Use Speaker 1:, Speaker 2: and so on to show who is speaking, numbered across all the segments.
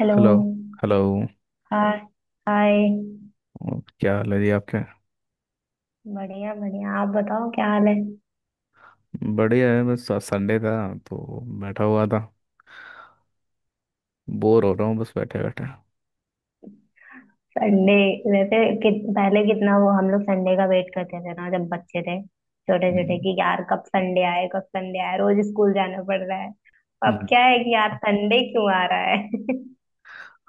Speaker 1: Hello.
Speaker 2: Hello. Hello.
Speaker 1: Hi. Hi.
Speaker 2: और क्या हाल है जी आपके।
Speaker 1: बढ़िया बढ़िया, आप बताओ क्या हाल है।
Speaker 2: बढ़िया है, बस आज संडे था तो बैठा हुआ था। बोर हो रहा हूँ बस बैठे बैठे।
Speaker 1: संडे वैसे कि, पहले कितना वो हम लोग संडे का वेट करते थे ना, जब बच्चे थे छोटे
Speaker 2: हम्म।
Speaker 1: छोटे, कि यार कब संडे आए कब संडे आए, रोज स्कूल जाना पड़ रहा है। अब
Speaker 2: हम्म।
Speaker 1: क्या है कि यार संडे क्यों आ रहा है।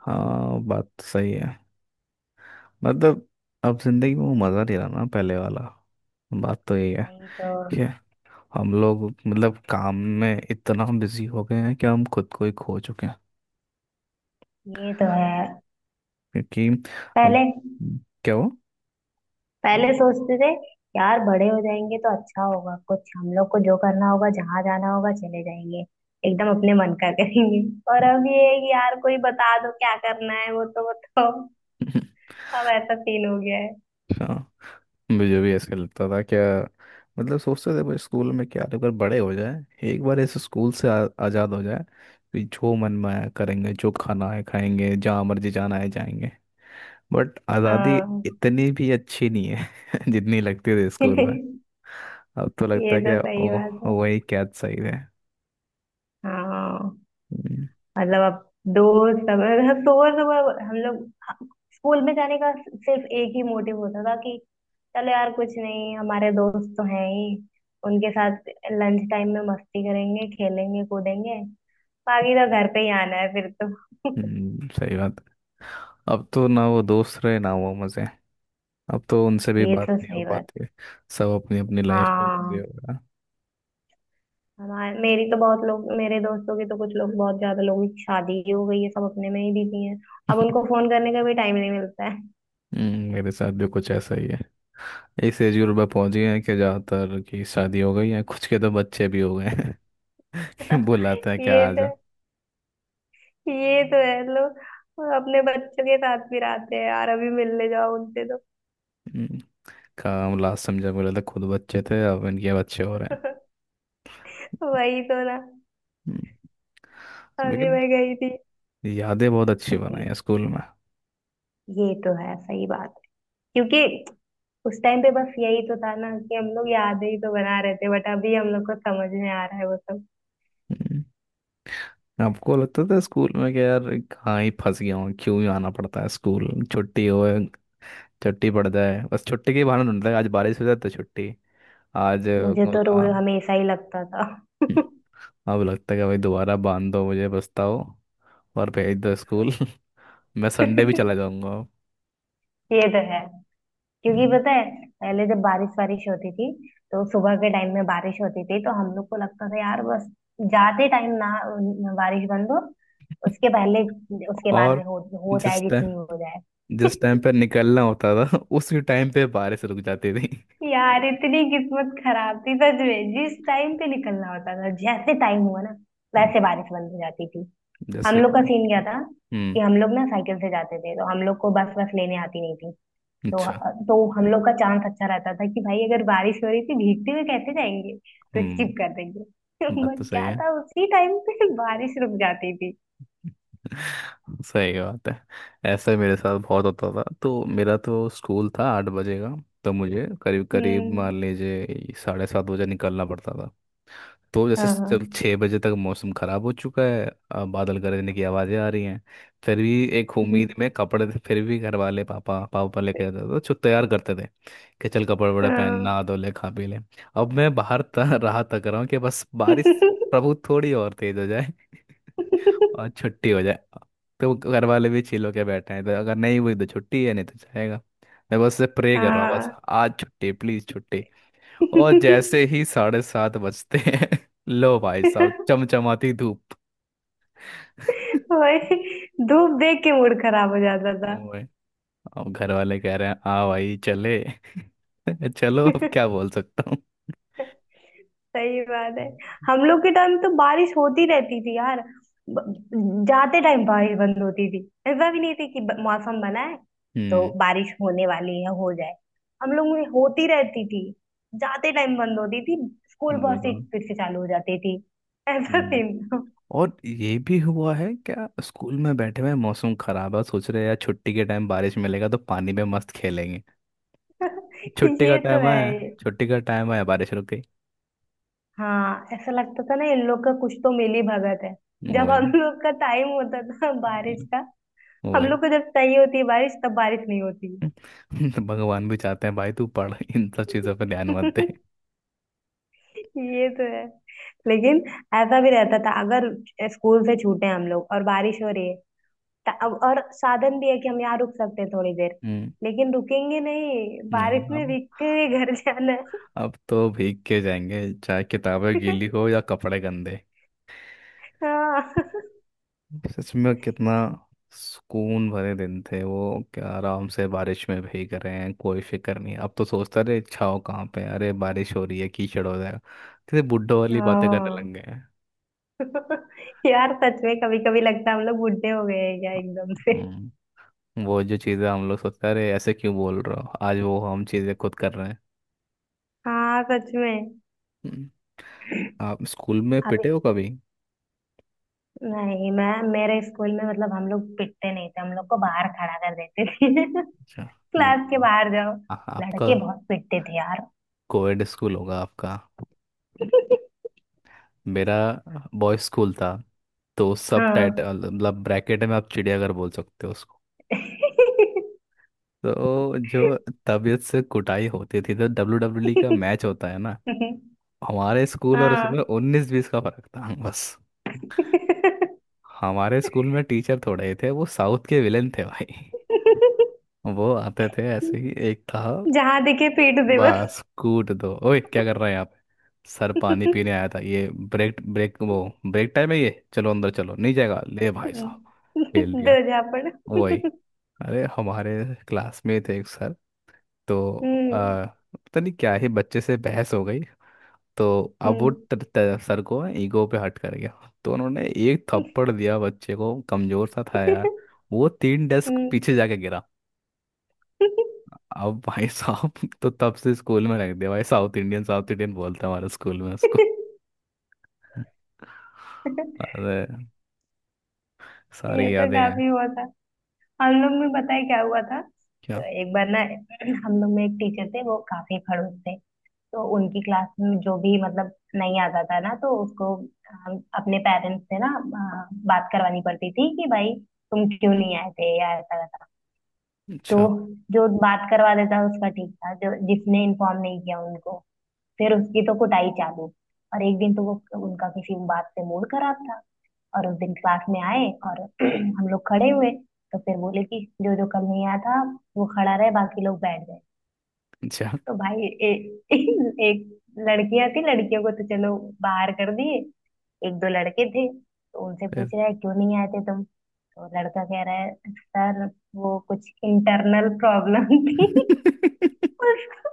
Speaker 2: हाँ बात तो सही है। मतलब अब जिंदगी में वो मज़ा नहीं रहा ना पहले वाला। बात तो यही है
Speaker 1: वही तो।
Speaker 2: कि हम लोग मतलब काम में इतना बिजी हो गए हैं कि हम खुद को ही खो चुके हैं।
Speaker 1: ये तो है।
Speaker 2: क्योंकि हम
Speaker 1: पहले
Speaker 2: क्या वो
Speaker 1: पहले सोचते थे यार बड़े हो जाएंगे तो अच्छा होगा, कुछ हम लोग को जो करना होगा जहां जाना होगा चले जाएंगे, एकदम अपने मन का करेंगे। और अब ये है कि यार कोई बता दो क्या करना है, वो तो बताओ। अब ऐसा सीन हो गया है।
Speaker 2: हाँ। मुझे भी ऐसे लगता था क्या। मतलब सोचते थे भाई स्कूल में क्या तो अगर बड़े हो जाए एक बार ऐसे स्कूल से आज़ाद हो जाए। कि जो मन में आया करेंगे जो खाना है खाएंगे जहाँ मर्जी जाना है जाएंगे। बट आज़ादी
Speaker 1: हाँ।
Speaker 2: इतनी भी अच्छी नहीं है जितनी लगती थी स्कूल में। अब तो लगता
Speaker 1: ये
Speaker 2: है
Speaker 1: तो
Speaker 2: क्या
Speaker 1: सही
Speaker 2: ओ
Speaker 1: बात है।
Speaker 2: वही कैद सही है।
Speaker 1: हाँ।
Speaker 2: हम्म।
Speaker 1: मतलब अब दोस्त, अब मतलब सुबह सुबह हम लोग स्कूल में जाने का सिर्फ एक ही मोटिव होता था, कि चलो यार कुछ नहीं, हमारे दोस्त तो हैं ही, उनके साथ लंच टाइम में मस्ती करेंगे खेलेंगे कूदेंगे, बाकी तो घर पे ही आना है फिर तो।
Speaker 2: सही बात। अब तो ना वो दोस्त रहे ना वो मज़े। अब तो उनसे भी
Speaker 1: ये
Speaker 2: बात
Speaker 1: तो
Speaker 2: नहीं हो
Speaker 1: सही बात।
Speaker 2: पाती। सब अपनी अपनी लाइफ में बिजी हो
Speaker 1: हाँ।
Speaker 2: गया
Speaker 1: हमारे मेरी तो बहुत लोग, मेरे दोस्तों की तो कुछ लोग, बहुत ज्यादा लोगों की शादी ही हो गई है, सब अपने में ही बिजी हैं। अब उनको फोन करने का भी टाइम नहीं मिलता है।
Speaker 2: मेरे साथ भी कुछ ऐसा ही है। इस एज ग्रुप में पहुंच गए हैं कि ज्यादातर की शादी हो गई है, कुछ के तो बच्चे भी हो गए हैं ये बुलाता है क्या
Speaker 1: ये
Speaker 2: आ जा।
Speaker 1: तो ये तो है लोग अपने बच्चों के साथ भी रहते हैं यार, अभी मिलने जाओ उनसे
Speaker 2: हम्म, काम लास्ट समझा बोला था खुद बच्चे थे अब इनके बच्चे हो रहे
Speaker 1: तो।
Speaker 2: हैं।
Speaker 1: वही तो ना।
Speaker 2: हम्म।
Speaker 1: अभी
Speaker 2: लेकिन
Speaker 1: मैं गई थी।
Speaker 2: यादें बहुत अच्छी बनाई
Speaker 1: अब
Speaker 2: है स्कूल में।
Speaker 1: ये तो है सही बात, क्योंकि उस टाइम पे बस यही तो था ना, कि हम लोग यादें ही तो बना रहे थे, बट अभी हम लोग को समझ में आ रहा है वो सब।
Speaker 2: हम्म। आपको लगता था स्कूल में कि यार कहाँ ही फंस गया हूँ क्यों ही आना पड़ता है स्कूल छुट्टी हो, छुट्टी पड़ जाए बस छुट्टी के बहाने ढूंढता है। आज बारिश हो जाए तो छुट्टी। आज
Speaker 1: मुझे तो
Speaker 2: बोला।
Speaker 1: रोज हमेशा ही लगता था।
Speaker 2: अब लगता है कि भाई दोबारा बांध दो मुझे पछताओ और भेज दो स्कूल मैं संडे भी चला जाऊंगा।
Speaker 1: ये तो है, क्योंकि
Speaker 2: हम्म।
Speaker 1: पता है पहले जब बारिश वारिश होती थी तो सुबह के टाइम में बारिश होती थी, तो हम लोग को लगता था यार बस जाते टाइम ना, बारिश बंद हो उसके पहले, उसके बाद
Speaker 2: और
Speaker 1: में हो जाए
Speaker 2: जिस टाइम
Speaker 1: जितनी हो जाए।
Speaker 2: जिस टाइम पे निकलना होता था उसी टाइम पे बारिश रुक जाती थी
Speaker 1: यार इतनी किस्मत खराब थी सच में, जिस टाइम पे निकलना होता था जैसे टाइम हुआ ना
Speaker 2: हम्म।
Speaker 1: वैसे बारिश बंद हो जाती थी। हम
Speaker 2: जैसे।
Speaker 1: लोग का सीन क्या था कि
Speaker 2: हम्म।
Speaker 1: हम लोग ना साइकिल से जाते थे, तो हम लोग को बस बस लेने आती नहीं, तो
Speaker 2: अच्छा।
Speaker 1: तो हम लोग का चांस अच्छा रहता था कि भाई अगर बारिश हो रही थी भीगते हुए कैसे जाएंगे, तो
Speaker 2: हम्म।
Speaker 1: स्किप कर देंगे।
Speaker 2: बात तो
Speaker 1: बट
Speaker 2: सही
Speaker 1: क्या
Speaker 2: है
Speaker 1: था उसी टाइम पे बारिश रुक जाती थी।
Speaker 2: सही बात है। ऐसा ही मेरे साथ बहुत होता था तो मेरा तो स्कूल था 8 बजे का। तो मुझे करीब करीब
Speaker 1: हम्म।
Speaker 2: मान लीजिए 7:30 बजे निकलना पड़ता था। तो जैसे
Speaker 1: हाँ हाँ।
Speaker 2: चल 6 बजे तक मौसम खराब हो चुका है। बादल गरजने की आवाज़ें आ रही हैं। फिर भी एक उम्मीद
Speaker 1: हम्म।
Speaker 2: में कपड़े थे, फिर भी घर वाले पापा पापा लेके जाते थे तो तैयार करते थे। कि चल कपड़े वपड़े पहन
Speaker 1: हाँ।
Speaker 2: नहा धो ले खा पी ले। अब मैं बाहर राह तक रहा हूँ कि बस बारिश प्रभु थोड़ी और तेज हो जाए और छुट्टी हो जाए। तो घर वाले भी चिल होके बैठे हैं तो अगर नहीं हुई तो छुट्टी है नहीं तो जाएगा। मैं बस प्रे कर रहा हूँ बस
Speaker 1: हाँ।
Speaker 2: आज छुट्टी प्लीज छुट्टी। और जैसे ही 7:30 बजते हैं लो भाई साहब चमचमाती धूप।
Speaker 1: वही, धूप देख के मूड खराब हो जाता था।
Speaker 2: ओए। अब घर वाले कह रहे हैं आ भाई चले चलो अब क्या बोल सकता हूँ।
Speaker 1: सही बात है। हम लोग के टाइम तो बारिश होती रहती थी यार, ब- जाते टाइम बारिश बंद होती थी। ऐसा भी नहीं थी कि मौसम बना है तो
Speaker 2: हम्म।
Speaker 1: बारिश होने वाली है हो जाए। हम लोग में होती रहती थी, जाते टाइम बंद होती थी, स्कूल
Speaker 2: ये
Speaker 1: बहुत से
Speaker 2: बात।
Speaker 1: फिर से चालू हो जाती थी। ऐसा
Speaker 2: ये भी।
Speaker 1: सीन था।
Speaker 2: और ये भी हुआ है क्या स्कूल में बैठे हुए हैं, मौसम खराब है सोच रहे हैं यार छुट्टी के टाइम बारिश मिलेगा तो पानी में मस्त खेलेंगे। छुट्टी का
Speaker 1: ये तो
Speaker 2: टाइम है
Speaker 1: है।
Speaker 2: छुट्टी का टाइम है बारिश रुक गई।
Speaker 1: हाँ, ऐसा लगता था ना इन लोग का कुछ तो मिली भगत है, जब
Speaker 2: वही।
Speaker 1: हम लोग का टाइम होता था बारिश का हम
Speaker 2: वही
Speaker 1: लोग को जब चाहिए होती है बारिश तब बारिश नहीं होती।
Speaker 2: तो भगवान भी चाहते हैं भाई तू पढ़ इन सब चीज़ों पे ध्यान मत दे।
Speaker 1: ये तो है। लेकिन ऐसा भी रहता था अगर स्कूल से छूटे हैं हम लोग और बारिश हो रही है, अब और साधन भी है कि हम यहाँ रुक सकते हैं थोड़ी देर,
Speaker 2: हम्म।
Speaker 1: लेकिन रुकेंगे नहीं,
Speaker 2: नहीं,
Speaker 1: बारिश में
Speaker 2: अब
Speaker 1: भीगते हुए घर जाना है।
Speaker 2: अब तो भीग के जाएंगे चाहे किताबें गीली हो या कपड़े गंदे।
Speaker 1: हाँ।
Speaker 2: सच में कितना सुकून भरे दिन थे वो। क्या आराम से बारिश में भीग रहे हैं कोई फिक्र नहीं। अब तो सोचता रहे छाँव कहाँ पे है, अरे बारिश हो रही है कीचड़ हो जाएगा। किसी बुड्ढों वाली बातें करने
Speaker 1: हाँ।
Speaker 2: लग गए हैं।
Speaker 1: यार सच में कभी कभी लगता है हम लोग बुढ़े हो गए हैं क्या एकदम से।
Speaker 2: हम्म। वो जो चीज़ें हम लोग सोचते हैं, अरे ऐसे क्यों बोल रहे हो आज वो हम चीज़ें खुद कर रहे
Speaker 1: हाँ सच में।
Speaker 2: हैं। आप स्कूल में
Speaker 1: अभी
Speaker 2: पिटे हो कभी।
Speaker 1: नहीं, मैं मेरे स्कूल में मतलब हम लोग पिटते नहीं थे, हम लोग को बाहर खड़ा कर देते थे,
Speaker 2: अच्छा।
Speaker 1: क्लास के
Speaker 2: नहीं।
Speaker 1: बाहर जाओ।
Speaker 2: आपका
Speaker 1: लड़के बहुत पिटते थे यार।
Speaker 2: कोएड स्कूल होगा आपका। मेरा बॉयज स्कूल था। तो सब
Speaker 1: हाँ।
Speaker 2: टाइटल मतलब ब्रैकेट में आप चिड़ियाघर बोल सकते हो उसको। तो जो तबीयत से कुटाई होती थी तो डब्ल्यू डब्ल्यू ई का मैच होता है ना हमारे स्कूल और
Speaker 1: हाँ।
Speaker 2: उसमें उन्नीस बीस का फर्क था बस। हमारे स्कूल में टीचर थोड़े ही थे, वो साउथ के विलेन थे भाई। वो आते थे ऐसे ही एक था
Speaker 1: जहां दिखे पीट दे बस।
Speaker 2: बस कूट दो। ओए क्या कर रहे हैं आप। सर पानी पीने आया था ये ब्रेक ब्रेक वो। ब्रेक टाइम है ये चलो अंदर चलो नहीं जाएगा ले भाई साहब। फेल दिया।
Speaker 1: दो झापड़।
Speaker 2: वही। अरे हमारे क्लास में थे एक सर। तो
Speaker 1: हम्म।
Speaker 2: आ, पता नहीं क्या ही बच्चे से बहस हो गई। तो अब वो
Speaker 1: हम्म।
Speaker 2: ट, ट, सर को ईगो पे हट कर गया तो उन्होंने एक थप्पड़ दिया बच्चे को कमजोर सा था यार वो तीन डेस्क
Speaker 1: हम्म।
Speaker 2: पीछे जाके गिरा। अब भाई साहब तो तब से स्कूल में रख दिया भाई साउथ इंडियन बोलता है हमारे स्कूल में उसको अरे
Speaker 1: ये
Speaker 2: सारी
Speaker 1: तो
Speaker 2: यादें हैं।
Speaker 1: काफी हुआ था। हम लोग में पता है क्या हुआ था, तो
Speaker 2: क्या।
Speaker 1: एक बार ना, हम लोग में एक टीचर थे वो काफी खड़ूस थे, तो उनकी क्लास में जो भी मतलब नहीं आता था ना, तो उसको हम अपने पेरेंट्स से ना बात करवानी पड़ती थी कि भाई तुम क्यों नहीं आए थे या ऐसा वैसा। तो
Speaker 2: अच्छा।
Speaker 1: जो बात करवा देता उसका ठीक था, जो जिसने इन्फॉर्म नहीं किया उनको फिर उसकी तो कुटाई चालू। और एक दिन तो वो, उनका किसी बात से मूड खराब था, और उस दिन क्लास में आए और हम लोग खड़े हुए, तो फिर बोले कि जो जो कल नहीं आया था वो खड़ा रहे, बाकी लोग बैठ गए।
Speaker 2: अच्छा।
Speaker 1: तो भाई ए, एक, लड़कियां थी, लड़कियों को तो चलो बाहर कर दिए, एक दो लड़के थे, तो उनसे
Speaker 2: फिर
Speaker 1: पूछ रहा है क्यों नहीं आए थे तुम, तो लड़का कह रहा है सर वो कुछ इंटरनल प्रॉब्लम थी। उसको,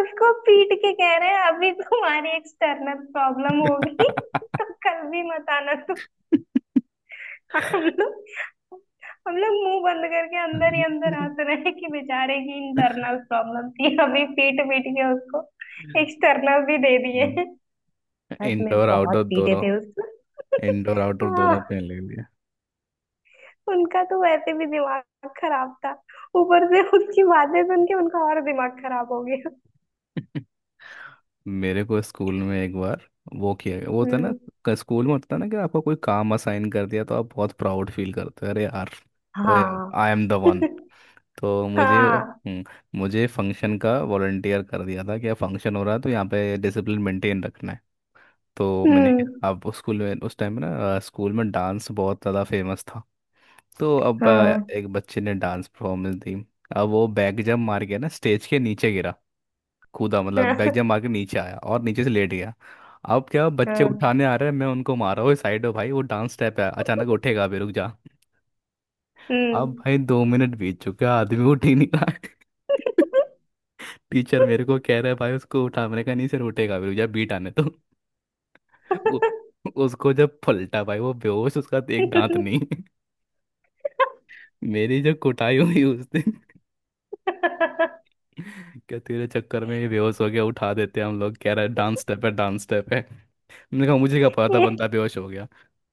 Speaker 1: उसको पीट के कह रहे हैं अभी तुम्हारी एक्सटर्नल प्रॉब्लम होगी, तो कल भी मत आना। हम लोग हम लोग मुंह बंद करके अंदर ही अंदर हंस रहे हैं कि बेचारे की इंटरनल प्रॉब्लम थी, अभी पीट पीट के उसको एक्सटर्नल भी दे दिए। सच में
Speaker 2: इंडोर आउटडोर
Speaker 1: बहुत पीटे
Speaker 2: दोनों।
Speaker 1: थे उसको।
Speaker 2: इंडोर आउटडोर दोनों
Speaker 1: हाँ,
Speaker 2: पे ले लिया
Speaker 1: उनका तो वैसे भी दिमाग खराब था, ऊपर से उसकी बातें सुन के उनका और दिमाग खराब हो गया।
Speaker 2: मेरे को स्कूल में एक बार वो किया गया वो होता है ना
Speaker 1: हम्म।
Speaker 2: स्कूल में होता है ना कि आपको कोई काम असाइन कर दिया तो आप बहुत प्राउड फील करते हो अरे यार ओए
Speaker 1: हाँ।
Speaker 2: I am the one. तो मुझे
Speaker 1: हाँ।
Speaker 2: मुझे फंक्शन का वॉलंटियर कर दिया था कि फंक्शन हो रहा है तो यहाँ पे डिसिप्लिन मेंटेन रखना है। तो मैंने क्या
Speaker 1: हम्म।
Speaker 2: अब उस स्कूल में उस टाइम में ना स्कूल में डांस बहुत ज़्यादा फेमस था। तो अब
Speaker 1: हाँ।
Speaker 2: एक बच्चे ने डांस परफॉर्मेंस दी। अब वो बैक जंप मार के ना स्टेज के नीचे गिरा। कूदा मतलब बैक जंप
Speaker 1: हाँ।
Speaker 2: मार के नीचे आया और नीचे से लेट गया। अब क्या बच्चे
Speaker 1: हाँ,
Speaker 2: उठाने आ रहे हैं मैं उनको मारा हुआ साइड हो भाई वो डांस स्टेप है अचानक उठेगा भी रुक जा। अब
Speaker 1: हम्म।
Speaker 2: भाई 2 मिनट बीत चुके हैं, आदमी उठ ही नहीं रहा है। टीचर मेरे को कह रहा है भाई उसको उठा। मैंने कहा नहीं सर उठेगा भी जब बीट आने तो उ- उसको जब पलटा भाई वो बेहोश उसका एक दांत नहीं मेरी जो कुटाई हुई उस दिन क्या तेरे चक्कर में ये बेहोश हो गया उठा देते हैं हम लोग कह रहा है डांस स्टेप है डांस स्टेप है। मैंने कहा मुझे क्या पता था
Speaker 1: ये
Speaker 2: बंदा बेहोश हो गया।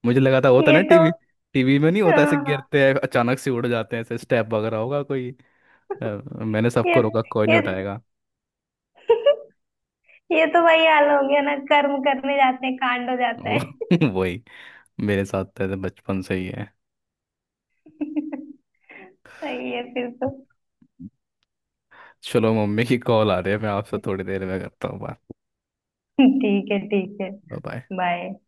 Speaker 2: मुझे लगा था होता
Speaker 1: ये
Speaker 2: ना
Speaker 1: तो
Speaker 2: टीवी। टीवी में नहीं होता
Speaker 1: हाँ,
Speaker 2: ऐसे
Speaker 1: हाँ,
Speaker 2: गिरते हैं अचानक से उड़ जाते हैं ऐसे स्टेप वगैरह होगा कोई। अ, मैंने
Speaker 1: ये
Speaker 2: सबको रोका कोई
Speaker 1: ये
Speaker 2: नहीं उठाएगा।
Speaker 1: ये तो वही हाल हो गया ना, कर्म करने जाते हैं कांड हो जाता
Speaker 2: वो
Speaker 1: है।
Speaker 2: वही। मेरे साथ तो ऐसे बचपन से ही है।
Speaker 1: सही है फिर तो।
Speaker 2: चलो मम्मी की कॉल आ रही है मैं आपसे थोड़ी देर में करता हूँ बात।
Speaker 1: ठीक है ठीक है।
Speaker 2: Bye bye.
Speaker 1: बाय।